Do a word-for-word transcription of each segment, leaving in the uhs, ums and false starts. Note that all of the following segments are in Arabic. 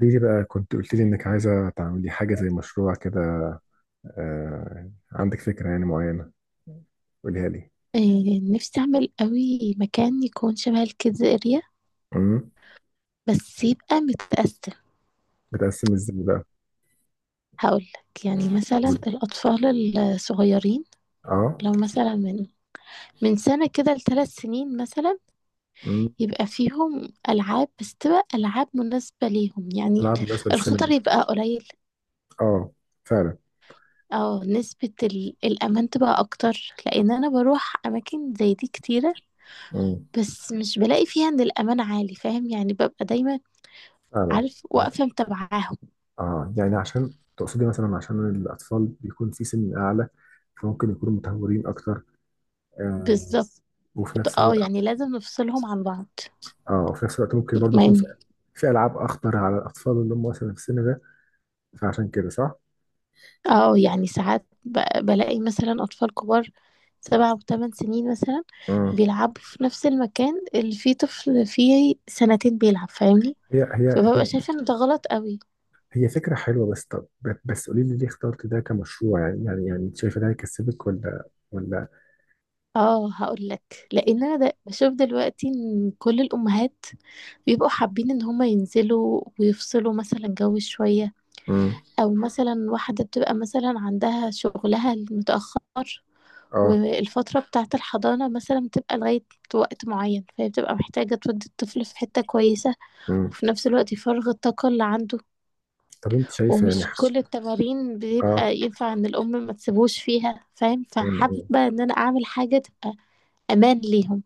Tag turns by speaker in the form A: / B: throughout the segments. A: قولي لي بقى كنت قلت لي انك عايزه تعملي حاجه زي مشروع كده. آه، عندك فكره يعني معينه؟ قوليها لي.
B: إيه نفسي أعمل قوي مكان يكون شبه الكيدز اريا،
A: امم.
B: بس يبقى متقسم.
A: بتقسم ازاي بقى؟
B: هقولك يعني مثلا
A: بود-
B: الأطفال الصغيرين
A: اه.
B: لو مثلا من من سنة كده لثلاث سنين مثلا
A: امم.
B: يبقى فيهم ألعاب بس تبقى ألعاب مناسبة ليهم يعني
A: العاب بالنسبه
B: الخطر
A: للسينما؟
B: يبقى قليل
A: اه، فعلا.
B: أو نسبة ال- الأمان تبقى أكتر. لأن أنا بروح أماكن زي دي كتيرة
A: امم.
B: بس مش بلاقي فيها إن الأمان عالي، فاهم يعني؟ ببقى دايما
A: فعلا.
B: عارف واقفة متابعاهم.
A: اه، يعني عشان تقصدي مثلا عشان الاطفال بيكون في سن اعلى، فممكن يكونوا متهورين اكتر. آه.
B: بالظبط،
A: وفي نفس
B: اه
A: الوقت.
B: يعني لازم نفصلهم عن بعض.
A: اه، وفي نفس الوقت ممكن برضو
B: ما
A: يكون في
B: ين-
A: في العاب اخطر على الاطفال اللي هم مثلا في السن ده، فعشان كده صح؟
B: اه يعني ساعات ب- بلاقي مثلا أطفال كبار سبع وثمان سنين مثلا
A: امم.
B: بيلعبوا في نفس المكان اللي فيه طفل فيه سنتين بيلعب، فاهمني؟
A: هي هي
B: فببقى
A: هي
B: شايفة ان ده غلط قوي.
A: هي فكرة حلوة بس طب. بس قولي لي ليه اخترت ده كمشروع، يعني يعني يعني انت شايفة ده هيكسبك ولا؟ ولا.
B: اه هقول لك، لان انا ده بشوف دلوقتي ان كل الامهات بيبقوا حابين ان هما ينزلوا ويفصلوا مثلا جو شوية،
A: امم.
B: او مثلا واحدة بتبقى مثلا عندها شغلها المتأخر
A: اه.
B: والفترة بتاعة الحضانة مثلا بتبقى لغاية وقت معين، فهي بتبقى محتاجة تودي الطفل في حتة كويسة
A: امم.
B: وفي نفس الوقت يفرغ الطاقة اللي عنده.
A: طب انت شايفة يعني
B: ومش
A: حس...
B: كل التمارين
A: اه.
B: بيبقى ينفع ان الأم ما تسيبوش فيها، فاهم؟
A: امم.
B: فحابة
A: أمم.
B: ان انا اعمل حاجة تبقى امان ليهم.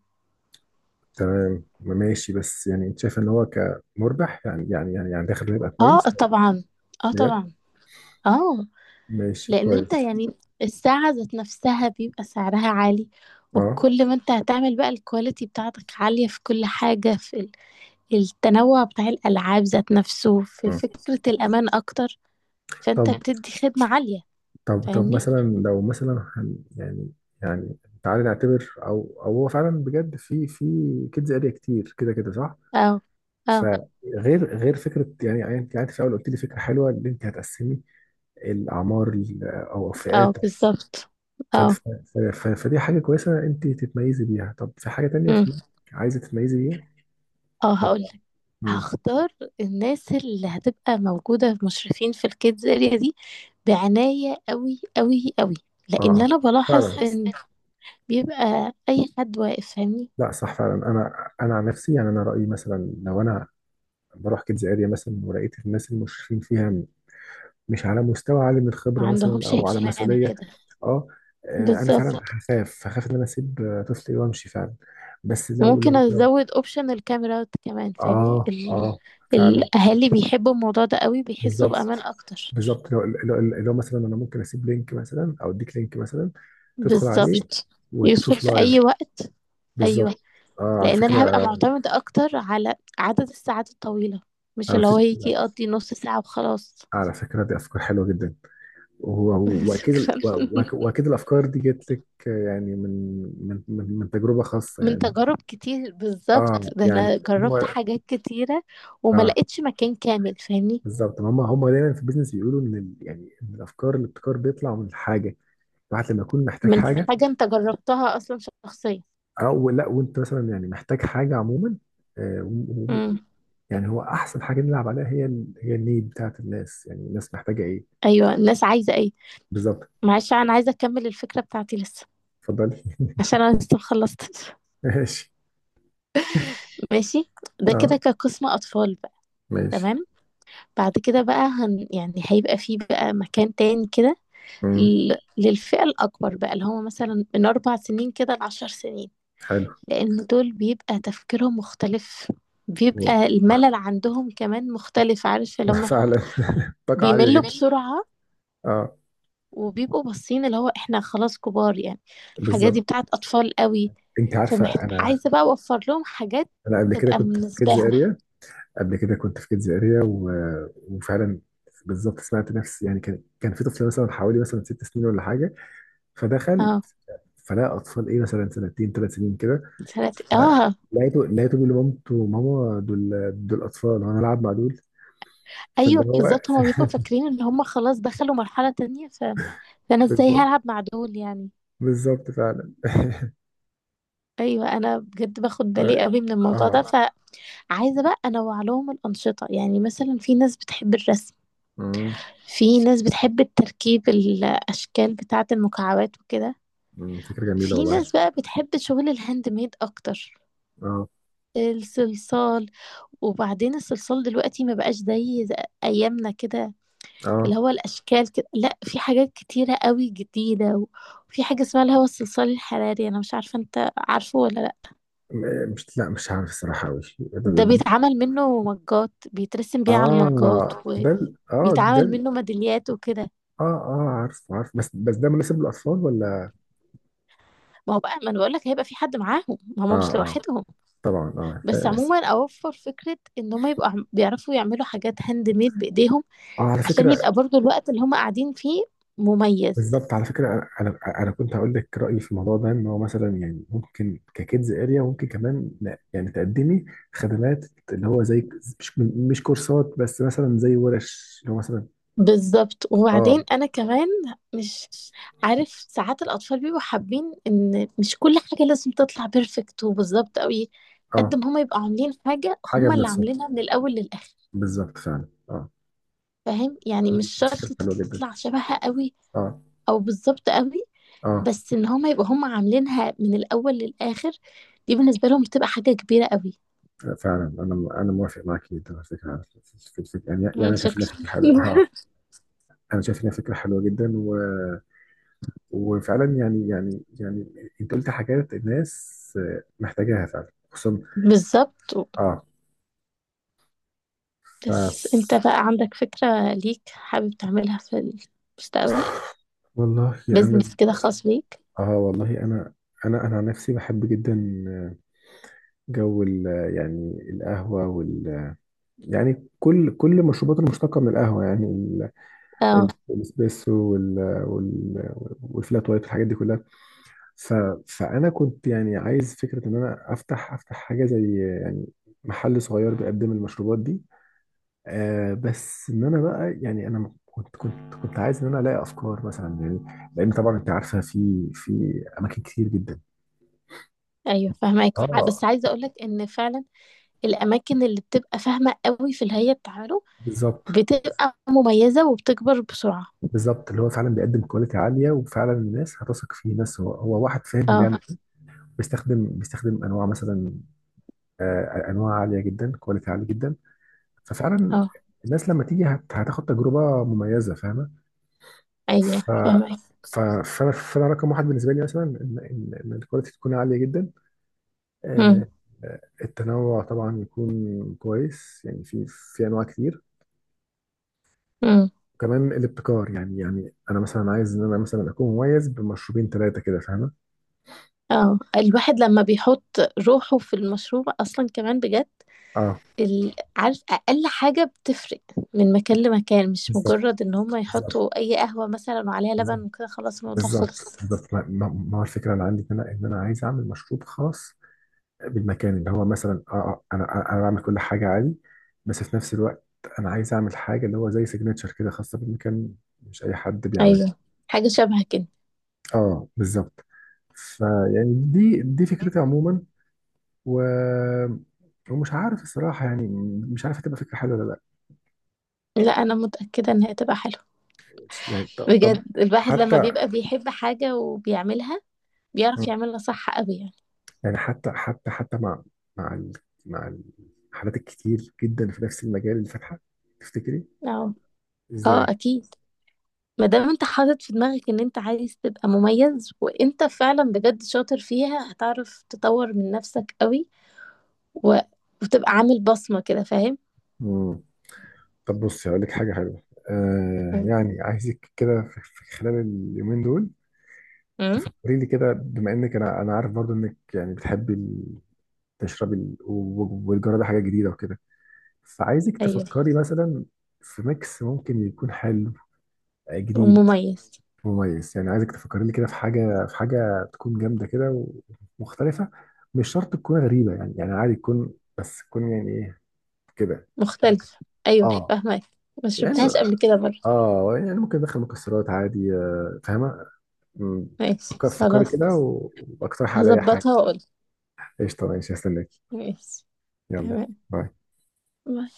A: تمام، ما ماشي، بس يعني انت شايفة ان هو كمربح؟ يعني يعني يعني يعني دخله هيبقى
B: اه
A: كويس؟
B: طبعا. اه
A: بجد.
B: طبعا. اه.
A: ماشي
B: لان انت
A: كويس.
B: يعني الساعة ذات نفسها بيبقى سعرها عالي،
A: اه.
B: وكل ما انت هتعمل بقى الكواليتي بتاعتك عالية في كل حاجة، في التنوع بتاع الألعاب ذات نفسه، في
A: أمم.
B: فكرة الأمان أكتر،
A: طب
B: فأنت بتدي خدمة عالية.
A: طب طب
B: فاهمني؟
A: مثلا لو مثلا هن يعني، يعني تعالي نعتبر، او او هو فعلا بجد في في كيدز اريا كتير كده كده صح؟
B: اه. اه.
A: فغير غير فكره، يعني انت قعدت في الاول قلت لي فكره حلوه ان انت هتقسمي الاعمار ال- او
B: اه.
A: الفئات.
B: بالظبط.
A: ف-
B: اه.
A: ف- ف- ف- فدي حاجه كويسه انت تتميزي بيها. طب في حاجه تانية في
B: أمم.
A: دماغك عايزه تتميزي بيها
B: اه هقولك.
A: ولا؟ امم.
B: هختار الناس اللي هتبقى موجودة مشرفين في الكيدز اريا دي بعناية قوي قوي قوي، لأن
A: اه،
B: أنا بلاحظ
A: فعلا.
B: إن بيبقى أي حد واقف، فاهمني؟
A: لا صح فعلا، انا انا عن نفسي يعني انا رايي مثلا لو انا بروح كيدز اريا مثلا ولقيت الناس المشرفين فيها مش على مستوى عالي من الخبره
B: ما
A: مثلا
B: عندهمش
A: او على
B: اهتمام
A: مسؤوليه.
B: كده.
A: اه. آه، انا فعلا
B: بالظبط.
A: هخاف هخاف ان انا اسيب آه، طفلي وامشي فعلا. بس لو
B: وممكن
A: لو لو.
B: ازود اوبشن الكاميرات كمان، فاهمني؟
A: اه،
B: ال...
A: اه، فعلا.
B: الاهالي بيحبوا الموضوع ده قوي، بيحسوا
A: بالظبط.
B: بامان اكتر.
A: بالظبط، لو لو لو مثلا انا ممكن اسيب لينك مثلا او اديك لينك مثلا تدخل عليه
B: بالظبط. يدخل
A: وتشوف
B: في
A: لايف.
B: اي وقت. ايوه.
A: بالظبط. اه، على
B: لان انا هبقى
A: فكره.
B: معتمدة اكتر على عدد الساعات الطويلة، مش
A: على
B: اللي هو
A: فكره.
B: يجي يقضي نص ساعة وخلاص.
A: على فكره، دي افكار حلوه جدا. وهو- واكيد ال-
B: شكرا.
A: وأك- واكيد الافكار دي جت لك يعني من من من, من تجربه خاصه
B: من
A: يعني.
B: تجارب كتير بالظبط،
A: اه،
B: ده
A: يعني،
B: انا جربت
A: هو.
B: حاجات كتيرة وما
A: اه،
B: لقيتش مكان كامل، فاهمني؟
A: بالظبط. هم هم دايما في البيزنس بيقولوا ان ال- يعني ان الافكار الابتكار بيطلع من الحاجه. الواحد لما يكون محتاج
B: من
A: حاجه
B: حاجة انت جربتها اصلا شخصيا.
A: او لا، وانت مثلا يعني محتاج حاجه عموما. آه، و- و-
B: امم.
A: يعني هو احسن حاجه نلعب عليها هي ال- هي النيد بتاعت الناس، يعني الناس محتاجه ايه.
B: ايوه الناس عايزة ايه.
A: بالظبط.
B: معلش انا عايزه اكمل الفكره بتاعتي لسه،
A: اتفضلي.
B: عشان انا لسه مخلصتش.
A: ماشي.
B: ماشي. ده
A: اه.
B: كده كقسم اطفال بقى.
A: ماشي.
B: تمام. بعد كده بقى هن يعني هيبقى فيه بقى مكان تاني كده
A: امم.
B: ل- للفئه الاكبر بقى اللي هم مثلا من اربع سنين كده لعشر سنين.
A: حلو.
B: لان دول بيبقى تفكيرهم مختلف، بيبقى الملل عندهم كمان مختلف، عارف اللي
A: و-
B: هم
A: فعلا، طاقه عاليه
B: بيملوا
A: جدا.
B: بسرعه
A: اه.
B: وبيبقوا باصين اللي هو احنا خلاص كبار يعني، الحاجات دي
A: بالظبط.
B: بتاعت اطفال قوي.
A: انت عارفه
B: فمحت...
A: انا.
B: عايزه بقى اوفر لهم حاجات
A: انا قبل كده
B: تبقى
A: كنت في
B: بالنسبه
A: كيدز
B: لهم.
A: اريا. قبل كده كنت في كيدز اريا و... وفعلا بالظبط، سمعت نفسي يعني. كان كان في طفل مثلا حوالي مثلا ست سنين ولا حاجه، فدخل،
B: اه.
A: فلقى اطفال ايه مثلا سنتين ثلاث سنين كده.
B: سنت... اه.
A: لقيته لقيته بيقول لمامته: ماما، دول دول اطفال وانا العب مع دول؟ فاللي
B: ايوه
A: هو
B: بالظبط، هما بيبقوا فاكرين ان هما خلاص دخلوا مرحله تانية. ف... فانا ازاي
A: بالظبط.
B: هلعب مع دول يعني.
A: بالظبط فعلا.
B: ايوه انا بجد باخد بالي
A: طيب.
B: قوي من الموضوع ده.
A: اه.
B: فعايزه بقى انوع لهم الانشطه، يعني مثلا في ناس بتحب الرسم،
A: مم.
B: في ناس بتحب التركيب الاشكال بتاعه المكعبات وكده،
A: مم، فكره جميله
B: في
A: والله.
B: ناس بقى بتحب شغل الهاند ميد اكتر.
A: اه.
B: الصلصال. وبعدين الصلصال دلوقتي ما بقاش زي زي ايامنا كده، اللي
A: اه.
B: هو الاشكال كده، لا في حاجات كتيره قوي جديده. وفي حاجه اسمها اللي هو الصلصال الحراري، انا مش عارفه انت عارفه ولا لا؟
A: م- مش لا، مش عارف الصراحه قوي.
B: ده بيتعمل منه مجات، بيترسم بيه على
A: اه.
B: المجات
A: ده ال- اه ده
B: وبيتعمل
A: ال-
B: منه ميداليات وكده.
A: اه، اه، عارف عارف، بس بس ده مناسب للاطفال ولا؟
B: ما هو بقى ما انا بقول لك هيبقى في حد معاهم، ما هم مش
A: اه. اه
B: لوحدهم.
A: طبعا. اه
B: بس
A: ف-
B: عموما اوفر فكره ان هم يبقوا عم- بيعرفوا يعملوا حاجات هاند ميد بايديهم،
A: اه على
B: عشان
A: فكره.
B: يبقى برضو الوقت اللي هما قاعدين فيه مميز.
A: بالظبط على فكره. انا انا أنا كنت هقول لك رايي في الموضوع ده، ان هو مثلا يعني ممكن ككيدز اريا ممكن كمان لا- يعني تقدمي خدمات اللي هو زي مش مش كورسات بس مثلا زي ورش اللي هو مثلا.
B: بالظبط.
A: اه.
B: وبعدين انا كمان مش عارف ساعات الاطفال بيبقوا حابين ان مش كل حاجه لازم تطلع بيرفكت وبالظبط قوي. قد
A: اه،
B: ما هما يبقوا عاملين حاجه
A: حاجه
B: هما اللي
A: بنفسها.
B: عاملينها من الاول للاخر،
A: بالظبط فعلا، اه.
B: فاهم يعني؟ مش شرط
A: فكره حلوه جدا.
B: تطلع شبهها قوي
A: اه.
B: او بالظبط قوي،
A: اه
B: بس ان هما يبقوا هما عاملينها من الاول للاخر. دي بالنسبه لهم بتبقى حاجه كبيره قوي.
A: فعلا، انا انا موافق معاك جدا على فكره. في الفكره يعني،
B: مم،
A: يعني شايف انها
B: شكرا.
A: فكره حلوه. اه. انا شايف انها فكره حلوه جدا. وفعلا، يعني يعني يعني انت قلت حاجات الناس آه، محتاجاها فعلا خصوصا.
B: بالظبط.
A: اه.
B: بس انت
A: ف،
B: بقى عندك فكرة ليك حابب تعملها في المستقبل،
A: والله انا.
B: بيزنس كده خاص ليك؟
A: اه، والله انا، انا انا عن نفسي بحب جدا آه، جو ال- آه، يعني القهوه وال آه، يعني كل كل المشروبات المشتقه من القهوه، يعني ال- ال-
B: اه.
A: الاسبريسو وال آه، وال آه، والفلات وايت والحاجات دي كلها. ف فانا كنت يعني عايز فكره ان انا افتح افتح حاجه زي، آه، يعني محل صغير بيقدم المشروبات دي. آه، بس ان انا بقى يعني انا كنت كنت كنت عايز ان انا الاقي افكار مثلا، يعني لان طبعا انت عارفه في في اماكن كتير جدا.
B: ايوه فاهمك.
A: اه.
B: بس عايزة اقولك ان فعلا الاماكن اللي بتبقى فاهمة قوي في الهيئة بتاعته
A: بالظبط.
B: بتبقى مميزة وبتكبر بسرعة.
A: بالظبط، اللي هو فعلا بيقدم كواليتي عاليه وفعلا الناس هتثق فيه. ناس هو, هو واحد فاهم
B: اه.
A: وبيعمل إيه. بيستخدم بيستخدم انواع مثلا آه انواع عاليه جدا، كواليتي عالي جدا. ففعلا
B: اه.
A: الناس لما تيجي هت- هتاخد تجربه مميزه، فاهمه؟
B: ايوه
A: ف
B: فاهمك.
A: ف- فانا فأنا رقم واحد بالنسبه لي مثلا ان ان إن الكواليتي تكون عاليه جدا.
B: امم.
A: آه، آه، التنوع طبعا يكون كويس، يعني في في انواع كتير.
B: امم.
A: وكمان الابتكار يعني، يعني انا مثلا عايز ان انا مثلا اكون مميز بمشروبين ثلاثه كده، فاهمه؟
B: اه الواحد لما بيحط روحه في المشروع اصلا كمان بجد.
A: اه.
B: ال... عارف اقل حاجه بتفرق من مكان لمكان، مش
A: بالظبط
B: مجرد ان هم
A: بالظبط
B: يحطوا اي قهوه مثلا وعليها لبن
A: بالظبط
B: وكده خلاص الموضوع
A: بالظبط
B: خلص.
A: بالظبط، ما ما- ما هو الفكره اللي عندي ان انا ان انا عايز اعمل مشروب خاص بالمكان، اللي هو مثلا اه آه، انا انا أنا بعمل كل حاجه عادي، بس في نفس الوقت انا عايز اعمل حاجه اللي هو زي سيجنتشر كده، خاصه بالمكان، مش اي حد بيعملها.
B: ايوه. حاجه شبه كده.
A: اه بالظبط. فيعني دي دي فكرتي عموما، و... ومش عارف الصراحة يعني، مش عارف هتبقى فكرة حلوة ولا لا.
B: لا انا متاكده انها تبقى حلوه،
A: يعني ط- طب، واحنا
B: بجد الواحد
A: حتى
B: لما
A: واحنا،
B: بيبقى بيحب حاجه وبيعملها بيعرف
A: ما،
B: يعملها صح قوي يعني.
A: يعني حتى حتى حتى مع، مع ال... مع الحالات الكتير جدا في نفس المجال اللي فاتحة، تفتكري
B: اه. اه
A: ازاي؟
B: اكيد، ما دام انت حاطط في دماغك ان انت عايز تبقى مميز وانت فعلا بجد شاطر فيها هتعرف تطور من نفسك قوي و... وتبقى عامل بصمه كده، فاهم؟
A: مم. طب بصي، هقول لك حاجة حلوة. آه، يعني عايزك كده في في خلال اليومين دول
B: امم.
A: تفكري لي كده، بما انك، انا انا عارف برضو انك يعني بتحبي ال- تشربي ال- و- و- والجرى ده حاجة جديدة وكده. فعايزك
B: ايوه.
A: تفكري مثلا في ميكس ممكن يكون حلو، آه، جديد،
B: ومميز.
A: مميز. يعني عايزك تفكري لي كده في حاجة، في حاجة تكون جامدة كده، ومختلفة. مش شرط تكون غريبة، يعني يعني عادي تكون، بس تكون يعني ايه كده، ممكن.
B: مختلف. ايوه
A: اه،
B: فاهمك. ما
A: يعني،
B: شربتهاش قبل كده برضه.
A: اه، يعني ممكن ندخل مكسرات عادي، آه، فاهمة؟ مم.
B: ماشي
A: فكر- فكري
B: خلاص.
A: كده و- واقترحي عليا حاجة.
B: هظبطها واقول.
A: قشطة ماشي، هستناكي.
B: ماشي.
A: يلا
B: تمام.
A: باي.
B: باي.